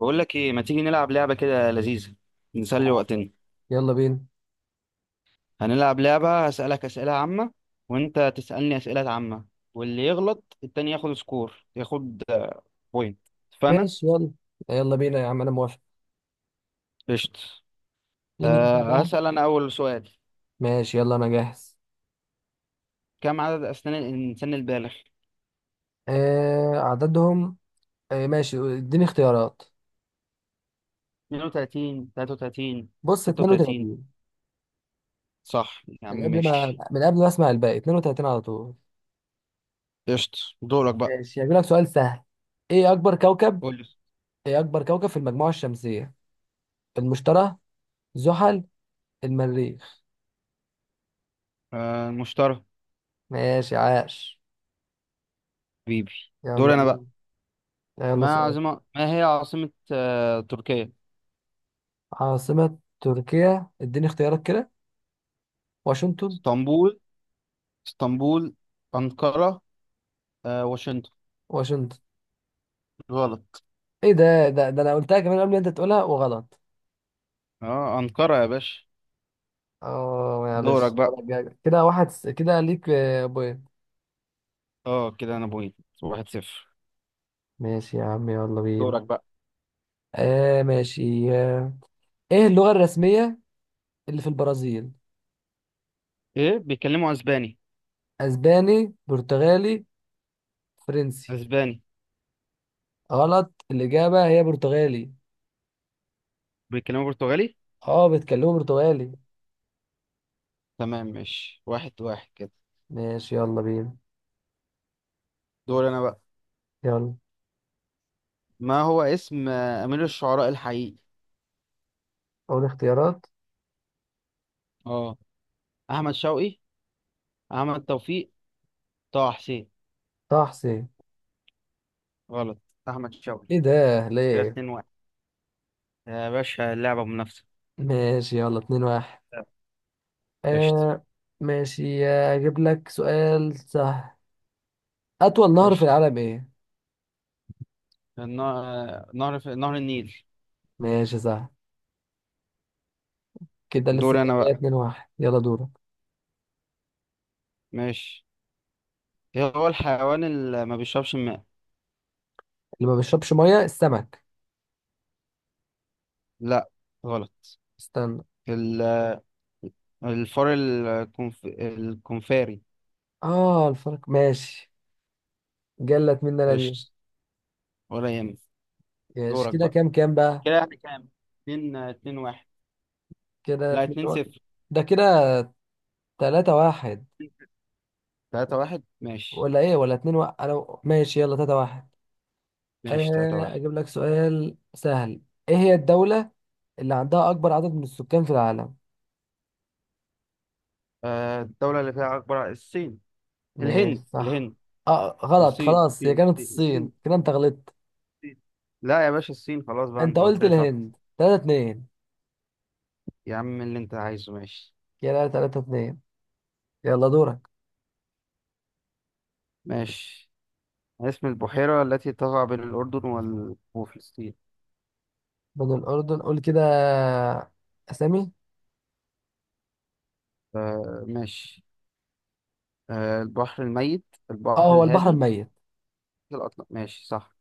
بقول لك ايه، ما تيجي نلعب لعبه كده لذيذه، نسلي وقتنا. يلا بينا. هنلعب لعبه، هسالك اسئله عامه وانت تسالني اسئله عامه، واللي يغلط التاني ياخد سكور، ياخد بوينت. فانا ماشي، يلا. يلا بينا يا عم، انا موافق. قشط. مين يبدأ بقى؟ هسال انا اول سؤال: ماشي يلا، انا جاهز. كم عدد اسنان الانسان البالغ؟ آه عددهم. آه ماشي، اديني اختيارات. 32، 33، بص، 36؟ 32. صح يا عم، من قبل ما ماشي. من قبل ما اسمع الباقي، 32 على طول. قشط، دورك بقى. ماشي، هجيب لك سؤال سهل. ايه اكبر كوكب؟ قول لي. ايه اكبر كوكب في المجموعة الشمسية؟ المشتري، زحل، المريخ. المشترى. ماشي، عاش. حبيبي. يلا دور انا بقى. بينا. يلا سؤال. ما هي عاصمه تركيا؟ عاصمة تركيا، اديني اختيارات كده. واشنطن. اسطنبول اسطنبول، أنقرة، واشنطن. واشنطن. غلط. ايه ده انا قلتها كمان قبل ما انت تقولها وغلط. اه أنقرة يا باشا. اه دورك معلش، بقى. المرة الجاية. كده واحد كده ليك بوينت. اه كده انا بوينت، واحد صفر. ماشي يا عم، يلا بينا. دورك بقى. آه ماشي آه. ايه اللغة الرسمية اللي في البرازيل؟ ايه، بيتكلموا اسباني؟ اسباني، برتغالي، فرنسي. اسباني. غلط، الإجابة هي برتغالي. بيتكلموا برتغالي. اه بيتكلموا برتغالي. تمام ماشي، واحد واحد كده. ماشي يلا بينا. دور انا بقى. يلا. ما هو اسم امير الشعراء الحقيقي؟ اول اختيارات. اه احمد شوقي، احمد توفيق، طه حسين؟ طه حسين. غلط. احمد شوقي. ايه ده كده ليه؟ اتنين واحد يا باشا، اللعبة منافسة. ماشي يلا، اتنين واحد. قشطة. آه ماشي. اجيب لك سؤال سهل. أطول نهر في قشطة. العالم إيه؟ النا- نهر النيل. ماشي، صح. كده دور لسه انا زي بقى، 2 واحد، يلا دورك. ماشي. إيه هو الحيوان اللي ما بيشربش الماء؟ اللي ما بيشربش مية؟ السمك. لا، غلط. استنى. ال- الفار، الكونفاري. آه الفرق ماشي. جلت مننا دي. ايش، ولا يهمك. ماشي، دورك كده بقى. كام كام بقى؟ كده احنا كام؟ اتنين واحد. كده لا، 2 اتنين واحد. صفر. ده كده 3 واحد. تلاتة واحد ماشي. ولا إيه، ولا 2 واحد؟ أنا ماشي يلا، 3 واحد. ماشي، تلاتة آه، واحد. أجيب لك سؤال سهل. إيه هي الدولة اللي عندها أكبر عدد من السكان في العالم؟ آه، الدولة اللي فيها أكبر، الصين. ماشي، الهند صح. الهند آه غلط، الصين، خلاص هي الصين، كانت الصين، الصين، الصين. كده أنت غلطت. الصين. لا يا باشا، الصين خلاص بقى، أنت أنت قلت قلت لي صح. الهند، 3 2. يا عم اللي أنت عايزه، ماشي. كده تلاتة اتنين. يلا دورك. ماشي. اسم البحيرة التي تقع بين الأردن وفلسطين؟ من الأردن، قول كده أسامي. آه ماشي. آه، البحر الميت، اه البحر هو البحر الهادي، الميت. الأطلس؟ ماشي صح.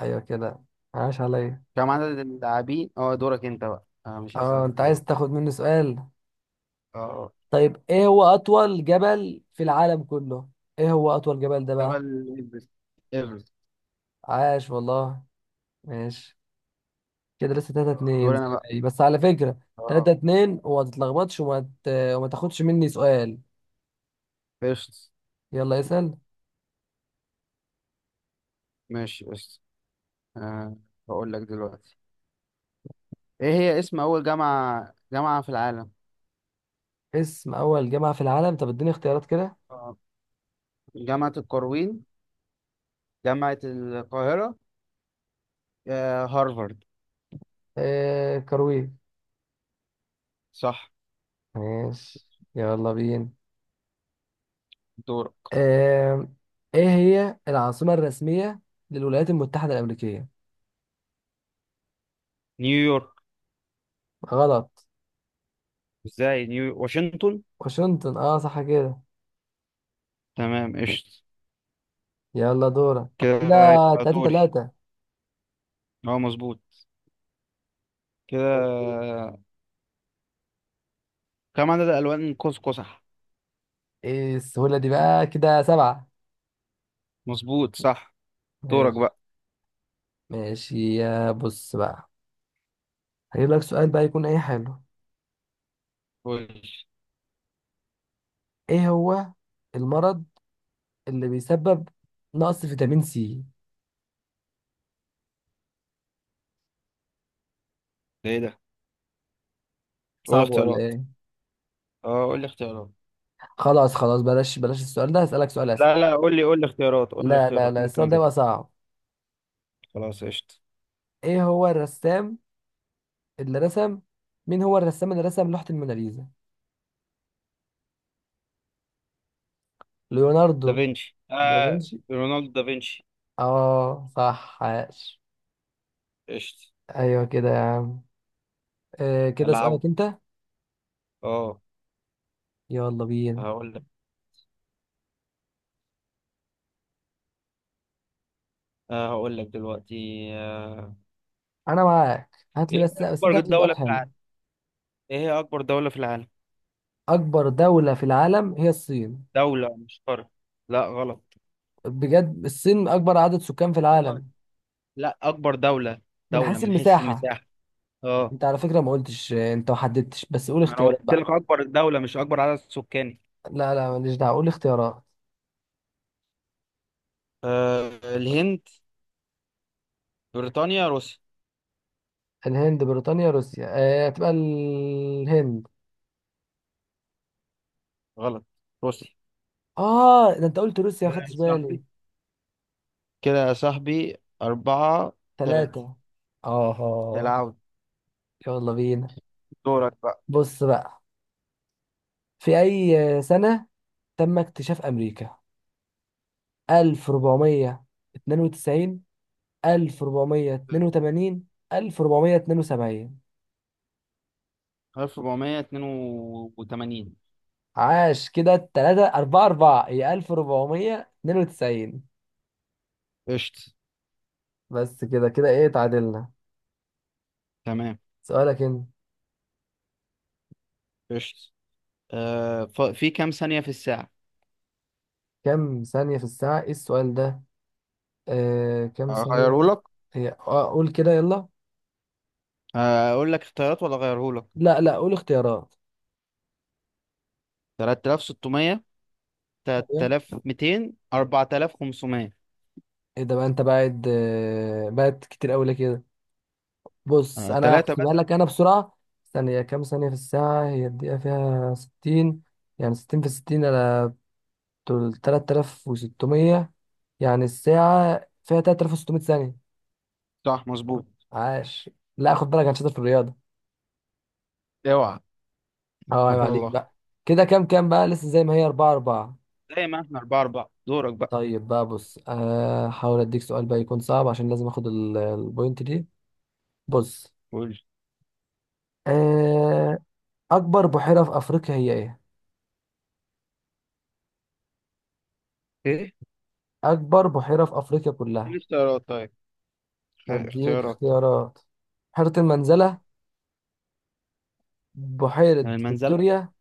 أيوة كده، عاش عليا. كم عدد اللاعبين، دورك انت بقى. مش اه هسأل في أنت عايز دورك. تاخد مني سؤال. اه آه. طيب، إيه هو أطول جبل في العالم كله؟ إيه هو أطول جبل ده بقى؟ جبل إيفرست. إيفرست عاش والله. ماشي، كده لسه تلاتة اتنين دوري زي انا بقى. ما هي، بس على فكرة. اه تلاتة اتنين، وما تتلخبطش وما تاخدش مني سؤال. قشط، يلا اسأل. ماشي قشط. آه بقول لك دلوقتي، ايه هي اسم أول جامعة في العالم؟ اسم أول جامعة في العالم؟ طب اديني اختيارات كده. آه. جامعة القرويين، جامعة القاهرة، هارفارد؟ آه، كروي. صح. ماشي يلا بينا. دورك. آم، ايه هي العاصمة الرسمية للولايات المتحدة الأمريكية؟ نيويورك. غلط. ازاي، نيو واشنطن. واشنطن. اه صح كده. تمام قشطة. يلا دورك. كده كده. يبقى تلاتة دوري. تلاتة. اه مظبوط. كده كم عدد الوان قوس قزح؟ ايه السهولة دي بقى؟ كده سبعة. مظبوط صح. دورك ماشي. بقى. ماشي، يا بص بقى، هجيب لك سؤال بقى يكون ايه حلو. قول لي. ايه هو المرض اللي بيسبب نقص فيتامين سي؟ ده ايه ده؟ قول صعب ولا اختيارات. ايه؟ اه قول لي اختيارات. خلاص خلاص، بلاش بلاش السؤال ده، هسألك سؤال اسهل. لا لا، قول لي اختيارات، لا لا لا، ممكن السؤال ده اجيبها. بقى صعب. خلاص قشطة. ايه هو الرسام اللي رسم؟ مين هو الرسام اللي رسم لوحة الموناليزا؟ ليوناردو دافنشي، آه دافنشي. رونالدو دافنشي. اه صح، عاش. قشطة. ايوه كده يا عم. آه، كده العود. سؤالك انت. اه يلا بينا. هقول لك. دلوقتي. آه. انا معاك. هات لي، ايه هي بس انت اكبر هات لي سؤال دولة في حلو. العالم؟ ايه هي اكبر دولة في العالم؟ اكبر دولة في العالم هي الصين. دولة مش قارة. لا غلط. بجد، الصين اكبر عدد سكان في والله. العالم. لا، اكبر دولة. من دولة حيث من حيث المساحة؟ المساحة. اه. انت على فكرة ما قلتش، انت ما حددتش، بس قول ما انا اختيارات قلت لك بقى. اكبر دولة مش اكبر عدد سكاني. لا لا، ماليش دعوة، قول اختيارات. آه، الهند، بريطانيا، روسيا؟ الهند، بريطانيا، روسيا. آه، تبقى الهند. غلط، روسيا. اه ده انت قلت روسيا، ما كده خدتش يا بالي. صاحبي، كده يا صاحبي، أربعة. تلاتة. ثلاثة. اه. العود. يلا بينا. دورك بقى. بص بقى، في اي سنة تم اكتشاف امريكا؟ 1492، 1482، 1472. 1482. عاش، كده التلاتة أربعة أربعة، هي 1492. قشط. بس كده كده، إيه، تعادلنا. تمام سؤالك أنت. قشط. في كام ثانية في الساعة؟ كم ثانية في الساعة؟ إيه السؤال ده؟ آه، كم ثانية؟ أغيرهولك؟ هي آه، قول كده يلا. أقول لك اختيارات ولا أغيرهولك؟ لا لا، قول اختيارات. 3600، ايوه. 3200، 4500؟ ايه ده بقى؟ انت بعد بعد كتير قوي ليه كده؟ بص، انا تلاتة هحسبها بس. لك انا بسرعه. ثانيه، كام ثانيه في الساعه؟ هي الدقيقه فيها 60، يعني 60 في 60 على. بتقول 3600. يعني الساعه فيها 3600 ثانيه. صح مظبوط. عاش. لا خد بالك، انا شاطر في الرياضه. اوعى. اه ما عيب شاء عليك الله. بقى. كده كام كام بقى؟ لسه زي ما هي، 4 4. زي ما احنا أربعة أربعة، دورك بقى. طيب بقى بص، هحاول اديك سؤال بقى يكون صعب، عشان لازم اخد البوينت دي. بص. قول. أه، أكبر بحيرة في أفريقيا هي إيه؟ إيه؟ أكبر بحيرة في أفريقيا إيه كلها. الاختيارات طيب؟ أديك اختيارات. اختيارات. بحيرة المنزلة، بحيرة المنزلة. فيكتوريا.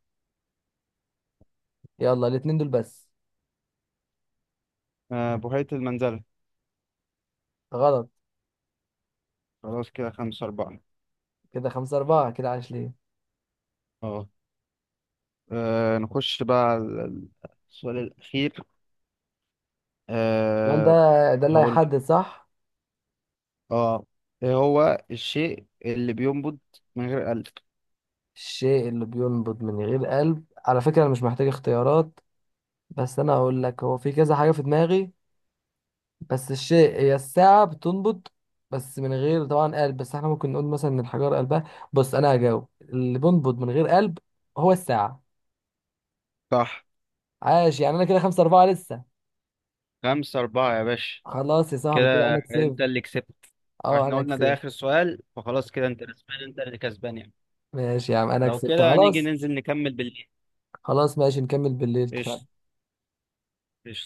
يلا الاتنين دول بس. آه، بحيرة المنزلة. غلط. خلاص كده خمسة أربعة. كده خمسة أربعة. كده عايش ليه؟ اه. آه، نخش بقى على ال- السؤال الأخير. السؤال ده، أه ده اللي هقول لك. هيحدد صح. اه. ايه هو الشيء اللي بينبض من غير قلب؟ الشيء اللي بينبض من غير قلب؟ على فكرة أنا مش محتاج اختيارات، بس أنا هقول لك. هو في كذا حاجة في دماغي، بس الشيء هي الساعة بتنبض، بس من غير طبعا قلب، بس احنا ممكن نقول مثلا ان الحجارة قلبها. بص، أنا هجاوب. اللي بينبض من غير قلب هو الساعة. صح. عاش. يعني انا كده خمسة أربعة لسه. خمسة أربعة يا باشا. خلاص يا صاحبي، كده كده انا كسبت. أنت اللي كسبت. اه واحنا انا قلنا ده كسبت. اخر سؤال، فخلاص كده انت كسبان، انت اللي كسبان يعني. ماشي يا عم، انا لو كسبت كده نيجي خلاص. ننزل نكمل بالليل. خلاص ماشي، نكمل بالليل، اتفقنا. قشطة. قشطة.